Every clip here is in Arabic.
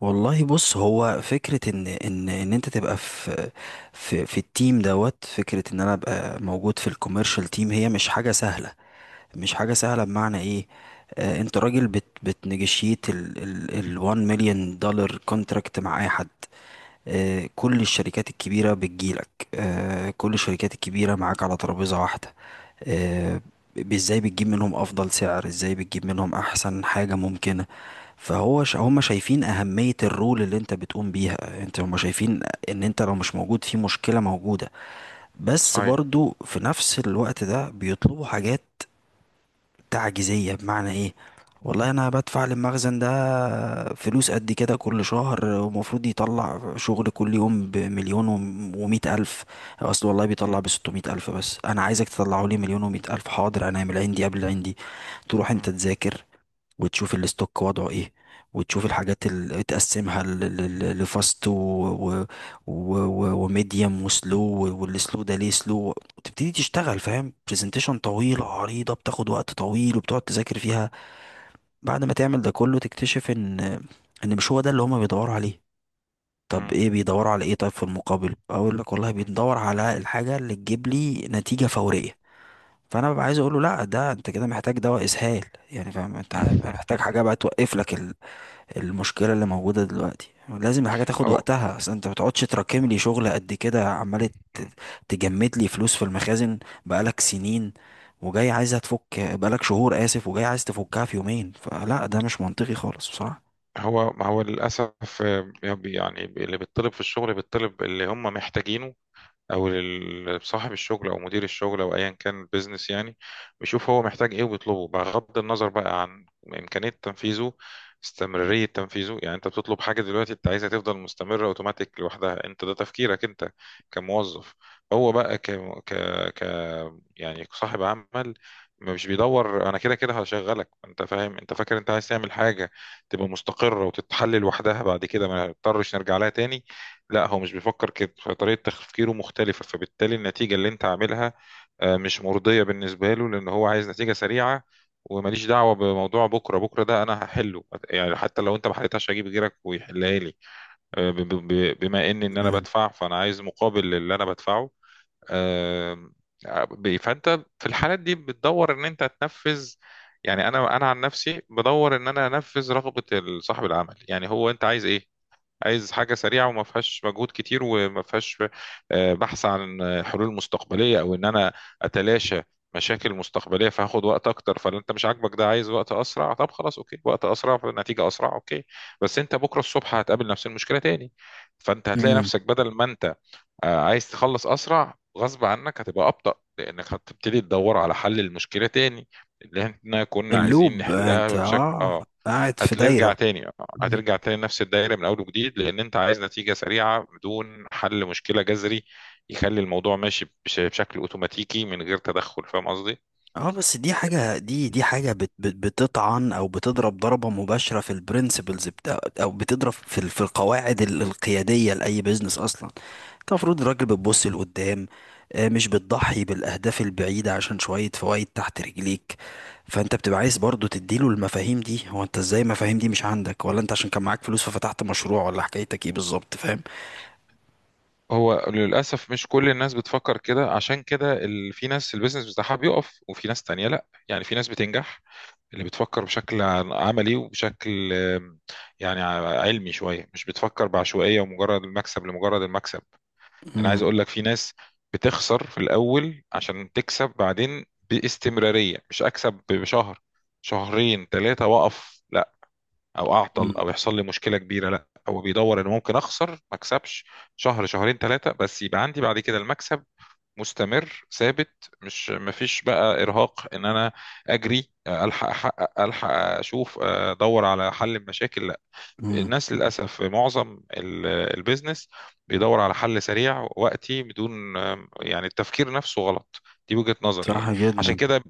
والله، بص، هو فكرة ان انت تبقى في التيم دوت. فكرة ان انا ابقى موجود في الكوميرشال تيم هي مش حاجة سهلة. مش حاجة سهلة بمعنى ايه؟ انت راجل بتنجشيت ال 1 مليون دولار كونتراكت مع اي حد. كل الشركات الكبيرة بتجيلك. كل الشركات الكبيرة معاك على ترابيزة واحدة. آه، ازاي بتجيب منهم افضل سعر، ازاي بتجيب منهم احسن حاجة ممكنة؟ فهو هم شايفين اهمية الرول اللي انت بتقوم بيها. انت هم شايفين ان انت لو مش موجود في مشكلة موجودة. بس صحيح. برضو في نفس الوقت ده بيطلبوا حاجات تعجيزية. بمعنى ايه؟ والله انا بدفع للمخزن ده فلوس قد كده كل شهر ومفروض يطلع شغل كل يوم بمليون ومئة الف. اصل والله بيطلع مم. ب600 الف، بس انا عايزك تطلعه لي 1,100,000. حاضر، انا هعمل عندي قبل عندي. تروح انت مم. تذاكر، وتشوف الاستوك وضعه ايه، وتشوف الحاجات اللي تقسمها لفاست وميديوم وسلو. والسلو ده ليه سلو، وتبتدي تشتغل، فاهم؟ برزنتيشن طويلة عريضة بتاخد وقت طويل وبتقعد تذاكر فيها. بعد ما تعمل ده كله تكتشف ان مش هو ده اللي هما بيدوروا عليه. طب مم. ايه بيدوروا على ايه؟ طيب، في المقابل اقول لك، والله مم. بندور على الحاجة اللي تجيب لي نتيجة فورية. فانا ببقى عايز اقول له، لا، ده انت كده محتاج دواء اسهال. يعني فاهم انت؟ محتاج حاجه بقى توقف لك. المشكلة اللي موجودة دلوقتي لازم الحاجة تاخد هو وقتها. اصل انت ما تقعدش تراكم لي شغل قد كده، عمال تجمد لي فلوس في المخازن بقالك سنين. وجاي عايزها تفك، بقالك شهور، آسف، وجاي عايز تفكها في يومين؟ فلا، ده مش منطقي خالص بصراحة. هو ما هو للأسف. يعني اللي بيطلب في الشغل بيطلب اللي هم محتاجينه، او صاحب الشغل او مدير الشغل او ايا كان البيزنس. يعني بيشوف هو محتاج ايه وبيطلبه، بغض النظر بقى عن امكانيه تنفيذه، استمراريه تنفيذه. يعني انت بتطلب حاجه دلوقتي انت عايزها تفضل مستمره اوتوماتيك لوحدها، انت ده تفكيرك انت كموظف. هو بقى ك... ك... ك يعني صاحب عمل مش بيدور. انا كده كده هشغلك انت، فاهم؟ انت فاكر انت عايز تعمل حاجه تبقى مستقره وتتحل لوحدها بعد كده ما نضطرش نرجع لها تاني. لا، هو مش بيفكر كده، فطريقة تفكيره مختلفة، فبالتالي النتيجة اللي انت عاملها مش مرضية بالنسبة له، لأن هو عايز نتيجة سريعة. وماليش دعوة بموضوع بكرة بكرة، ده أنا هحله. يعني حتى لو انت ما حلتهاش هجيب غيرك ويحلها لي. بما إن أنا مم. بدفع، فأنا عايز مقابل للي أنا بدفعه. آه، فأنت في الحالات دي بتدور إن أنت تنفذ. يعني أنا عن نفسي بدور إن أنا أنفذ رغبة صاحب العمل. يعني هو أنت عايز إيه؟ عايز حاجة سريعة وما فيهاش مجهود كتير وما فيهاش بحث عن حلول مستقبلية، أو إن أنا أتلاشى مشاكل مستقبلية. فهاخد وقت أكتر، فلا أنت مش عاجبك ده، عايز وقت أسرع. طب خلاص، أوكي، وقت أسرع فالنتيجة أسرع، أوكي. بس أنت بكرة الصبح هتقابل نفس المشكلة تاني، فأنت هتلاقي مم. نفسك بدل ما أنت عايز تخلص اسرع، غصب عنك هتبقى ابطأ، لانك هتبتدي تدور على حل المشكله تاني اللي احنا كنا عايزين اللوب انت، نحلها بشكل قاعد في هترجع دايرة. تاني. هترجع تاني نفس الدايره من اول وجديد، لان انت عايز نتيجه سريعه بدون حل مشكله جذري يخلي الموضوع ماشي بشكل اوتوماتيكي من غير تدخل. فاهم قصدي؟ اه، بس دي حاجة دي دي حاجة بت بت بتطعن او بتضرب ضربة مباشرة في البرنسبلز بتاع، او بتضرب في في القواعد القيادية لأي بيزنس اصلا. انت المفروض الراجل بتبص لقدام، مش بتضحي بالاهداف البعيدة عشان شوية فوائد تحت رجليك. فانت بتبقى عايز برضو تديله المفاهيم دي. هو انت ازاي المفاهيم دي مش عندك؟ ولا انت عشان كان معاك فلوس ففتحت مشروع؟ ولا حكايتك ايه بالظبط، فاهم؟ هو للاسف مش كل الناس بتفكر كده، عشان كده في ناس البيزنس بتاعها بيقف، وفي ناس تانية لا، يعني في ناس بتنجح اللي بتفكر بشكل عملي وبشكل يعني علمي شوية، مش بتفكر بعشوائية ومجرد المكسب لمجرد المكسب. أنا عايز امم أقول لك في ناس بتخسر في الأول عشان تكسب بعدين باستمرارية، مش أكسب بشهر شهرين ثلاثة وأقف، لا. أو أعطل أو يحصل لي مشكلة كبيرة، لا، هو بيدور إنه ممكن أخسر ما أكسبش شهر شهرين ثلاثة بس يبقى عندي بعد كده المكسب مستمر ثابت، مش مفيش بقى ارهاق ان انا اجري الحق احقق الحق اشوف، ادور على حل المشاكل، لا. امم الناس للاسف في معظم البيزنس بيدور على حل سريع وقتي بدون، يعني التفكير نفسه غلط. دي وجهة نظري يعني. صح عشان جدا. كده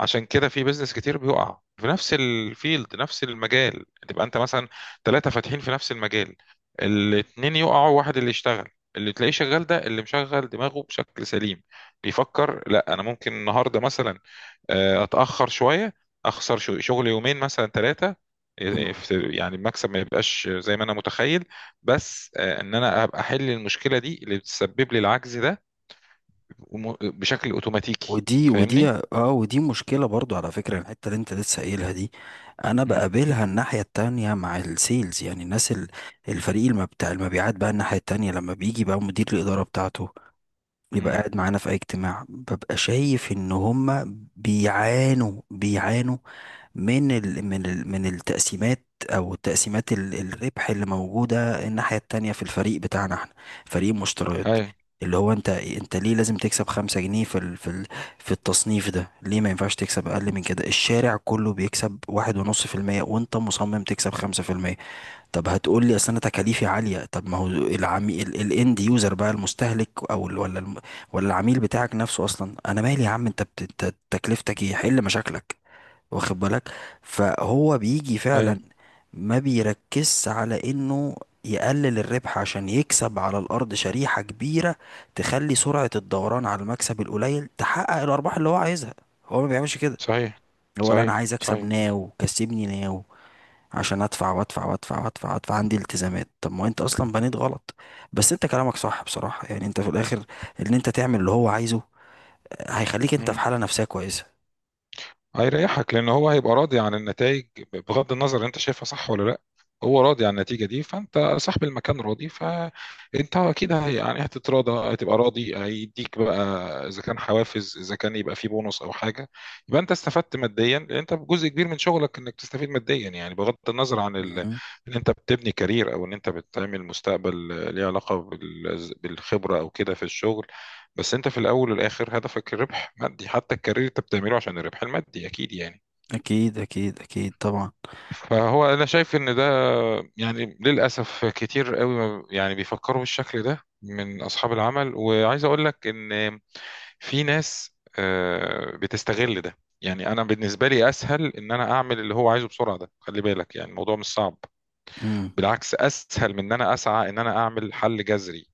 عشان كده في بيزنس كتير بيقع في نفس الفيلد، نفس المجال، تبقى انت مثلا ثلاثة فاتحين في نفس المجال، الاتنين يقعوا واحد اللي يشتغل. اللي تلاقيه شغال ده اللي مشغل دماغه بشكل سليم. بيفكر لا انا ممكن النهارده مثلا اتاخر شويه، اخسر شغل يومين مثلا ثلاثه، يعني المكسب ما يبقاش زي ما انا متخيل، بس ان انا ابقى احل المشكله دي اللي بتسبب لي العجز ده بشكل اوتوماتيكي. ودي ودي تفهمني؟ اه ودي مشكلة برضو على فكرة، الحتة اللي انت لسه قايلها دي، انا امم. بقابلها الناحية التانية مع السيلز. يعني الناس الفريق المبتاع المبيعات بقى الناحية التانية، لما بيجي بقى مدير الإدارة بتاعته يبقى قاعد معانا في اي اجتماع، ببقى شايف ان هما بيعانوا بيعانوا من التقسيمات، او تقسيمات الربح اللي موجوده الناحيه التانية في الفريق بتاعنا احنا، فريق المشتريات. امم. اللي هو، انت ليه لازم تكسب 5 جنيه في ال في ال في التصنيف ده؟ ليه ما ينفعش تكسب اقل من كده؟ الشارع كله بيكسب 1.5% وانت مصمم تكسب 5%. طب هتقول لي اصل انا تكاليفي عاليه. طب ما هو العميل، الاند يوزر بقى، المستهلك، او ال- ولا الم... ولا العميل بتاعك نفسه اصلا، انا مالي يا عم؟ انت أنت تكلفتك ايه؟ حل مشاكلك، واخد بالك. فهو بيجي اي، فعلا ما بيركزش على انه يقلل الربح عشان يكسب على الارض شريحه كبيره، تخلي سرعه الدوران على المكسب القليل تحقق الارباح اللي هو عايزها. هو ما بيعملش كده. صحيح. هو لا، انا صحيح، عايز اكسب صحيح. ناو، كسبني ناو عشان ادفع وادفع وادفع وادفع وادفع، عندي التزامات. طب ما هو انت اصلا بنيت غلط. بس انت كلامك صح بصراحة، يعني انت في الاخر، ان انت تعمل اللي هو عايزه هيخليك انت في مم. حالة نفسية كويسة. هيريحك لان هو هيبقى راضي عن النتائج، بغض النظر انت شايفها صح ولا لا. هو راضي عن النتيجه دي، فانت صاحب المكان راضي، فانت اكيد يعني هتتراضى، هتبقى راضي، هيديك بقى اذا كان حوافز، اذا كان يبقى في بونص او حاجه، يبقى انت استفدت ماديا. لان انت جزء كبير من شغلك انك تستفيد ماديا، يعني بغض النظر عن مم. ان انت بتبني كارير، او ان انت بتعمل مستقبل ليه علاقه بالخبره او كده في الشغل، بس انت في الاول والاخر هدفك الربح مادي. حتى الكارير انت بتعمله عشان الربح المادي، اكيد يعني. اكيد اكيد اكيد طبعا. فهو انا شايف ان ده يعني للاسف كتير قوي يعني بيفكروا بالشكل ده من اصحاب العمل. وعايز اقول لك ان في ناس بتستغل ده. يعني انا بالنسبه لي اسهل ان انا اعمل اللي هو عايزه بسرعه، ده خلي بالك يعني الموضوع مش صعب، مم. بالعكس اسهل من ان انا اسعى ان انا اعمل حل جذري.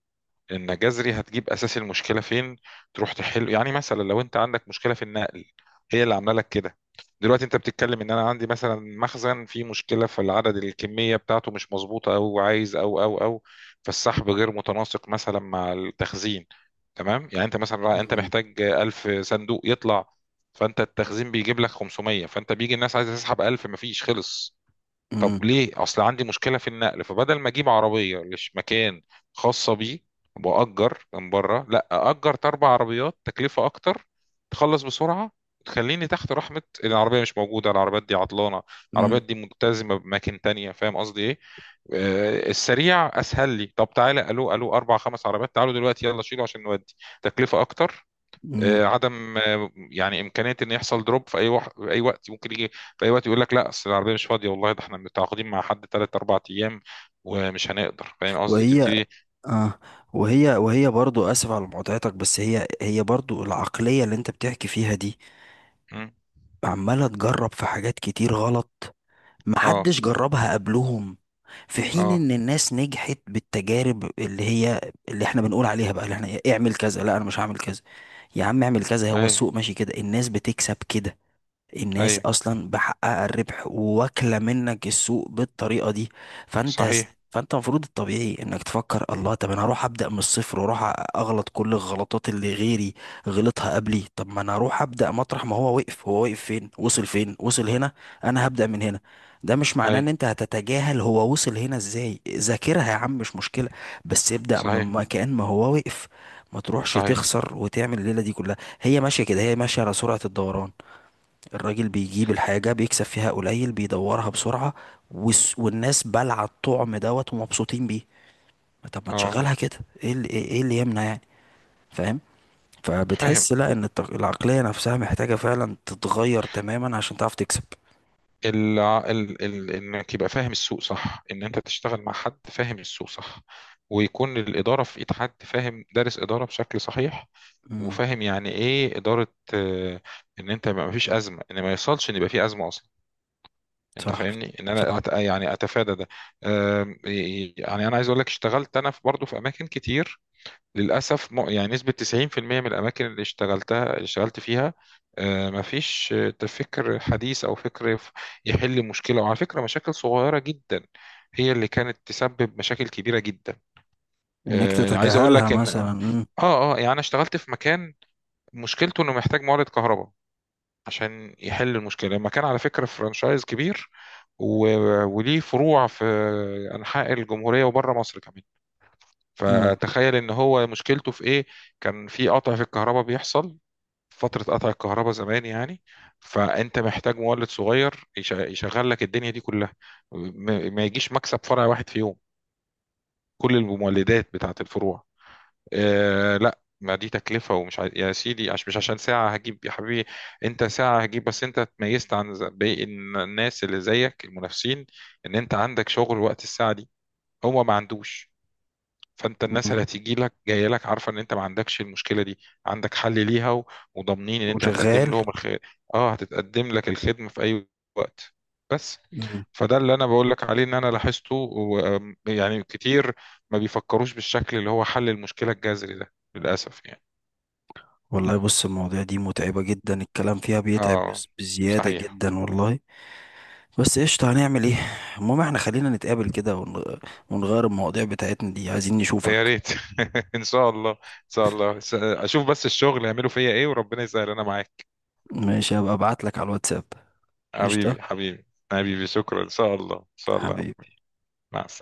ان جذري هتجيب اساس المشكله فين، تروح تحل. يعني مثلا لو انت عندك مشكله في النقل هي اللي عامله لك كده. دلوقتي انت بتتكلم ان انا عندي مثلا مخزن فيه مشكله في العدد، الكميه بتاعته مش مظبوطه، او عايز او او او فالسحب غير متناسق مثلا مع التخزين. تمام، يعني انت مثلا انت مم. محتاج 1000 صندوق يطلع، فانت التخزين بيجيب لك 500، فانت بيجي الناس عايزه تسحب 1000 مفيش، خلص. مم. طب ليه؟ اصل عندي مشكله في النقل. فبدل ما اجيب عربيه لش مكان خاصه بيه واجر من بره، لا، اجر اربع عربيات تكلفه اكتر تخلص بسرعه. تخليني تحت رحمه العربيه مش موجوده، العربيات دي عطلانه، مم. العربيات دي ملتزمه بأماكن تانية، فاهم قصدي ايه؟ السريع اسهل لي. طب تعالى، الو الو، اربع خمس عربيات، تعالوا دلوقتي يلا شيلوا عشان نودي، تكلفه اكتر، مم. عدم يعني امكانيه ان يحصل دروب في اي في اي وقت، ممكن يجي في اي وقت يقول لك لا اصل العربيه مش فاضيه، والله ده احنا متعاقدين مع حد ثلاث اربع ايام ومش هنقدر. فاهم قصدي؟ وهي تبتدي. آه وهي وهي برضو اسف على مقاطعتك، بس هي برضو العقلية اللي انت بتحكي فيها دي مم. عمالة تجرب في حاجات كتير غلط، اه. محدش جربها قبلهم. في حين اه، ان الناس نجحت بالتجارب، اللي هي، اللي احنا بنقول عليها بقى، اللي احنا إيه، اعمل كذا، لا انا مش هعمل كذا. يا عم اعمل كذا، هو اي. السوق ماشي كده، الناس بتكسب كده. الناس اي، اصلا بحقها الربح وواكله منك السوق بالطريقه دي. فانت صحيح. فانت المفروض الطبيعي انك تفكر، الله، طب انا هروح ابدا من الصفر واروح اغلط كل الغلطات اللي غيري غلطها قبلي؟ طب ما انا هروح ابدا مطرح ما هو وقف. هو وقف فين؟ وصل فين؟ وصل هنا. انا هبدا من هنا. ده مش معناه اي، ان انت هتتجاهل هو وصل هنا ازاي. ذاكرها يا عم، مش مشكله، بس ابدا صحيح، من مكان ما هو وقف. ما تروحش صحيح. تخسر وتعمل الليله دي كلها. هي ماشيه كده، هي ماشيه على سرعه الدوران. الراجل بيجيب الحاجة بيكسب فيها قليل بيدورها بسرعة، والناس بلع الطعم دوت ومبسوطين بيه. ما طب ما اه، تشغلها كده، ايه اللي, ايه إيه اللي يمنع يعني، فاهم؟ فاهم. فبتحس لا، ان العقلية نفسها محتاجة فعلا تتغير تماما عشان تعرف تكسب. انك يبقى فاهم السوق صح، ان انت تشتغل مع حد فاهم السوق صح، ويكون الاداره في ايد حد فاهم، دارس اداره بشكل صحيح، امم وفاهم يعني ايه اداره. آه، ان انت ما فيش ازمه، ان ما يوصلش ان يبقى في ازمه اصلا. انت صح، فاهمني ان انا صح. يعني اتفادى ده. آم، يعني انا عايز اقول لك اشتغلت انا في برضه في اماكن كتير للأسف، يعني نسبة 90% من الأماكن اللي اشتغلتها اللي اشتغلت فيها مفيش فكر حديث أو فكر يحل مشكلة. وعلى فكرة مشاكل صغيرة جدا هي اللي كانت تسبب مشاكل كبيرة جدا. انك عايز أقول تتجاهلها لك إن مثلا. يعني أنا اشتغلت في مكان مشكلته إنه محتاج مورد كهرباء عشان يحل المشكلة. المكان على فكرة فرانشايز كبير وليه فروع في أنحاء الجمهورية وبره مصر كمان. امم فتخيل ان هو مشكلته في ايه. كان في قطع في الكهرباء بيحصل فترة قطع الكهرباء زمان يعني، فانت محتاج مولد صغير يشغل لك الدنيا دي كلها. ما يجيش مكسب فرع واحد في يوم كل المولدات بتاعت الفروع. آه لا، ما دي تكلفة، ومش يا سيدي، مش عشان ساعة هجيب يا حبيبي. انت ساعة هجيب، بس انت اتميزت عن باقي الناس اللي زيك المنافسين، ان انت عندك شغل وقت الساعة دي هو ما عندوش. فانت الناس أمم. اللي هتيجي لك جايه لك عارفه ان انت ما عندكش المشكله دي، عندك حل ليها وضامنين ان انت وشغال. هتقدم لهم اه، هتتقدم لك الخدمه في اي وقت بس. امم فده اللي انا بقول لك عليه، ان انا لاحظته يعني كتير ما بيفكروش بالشكل اللي هو حل المشكله الجذري ده للاسف يعني. والله بص، المواضيع دي متعبة جدا، الكلام فيها بيتعب اه. بس بزيادة صحيح. جدا والله. بس قشطة، هنعمل ايه؟ المهم احنا خلينا نتقابل كده ونغير المواضيع بتاعتنا دي، عايزين يا نشوفك. ريت. ان شاء الله، ان شاء الله، اشوف بس الشغل يعملوا فيا ايه، وربنا يسهل. انا معاك. ماشي، هبقى ابعتلك على الواتساب. قشطة حبيبي، حبيبي. حبيبي، شكرا. ان شاء الله، ان شاء الله. حبيبي. مع السلامه.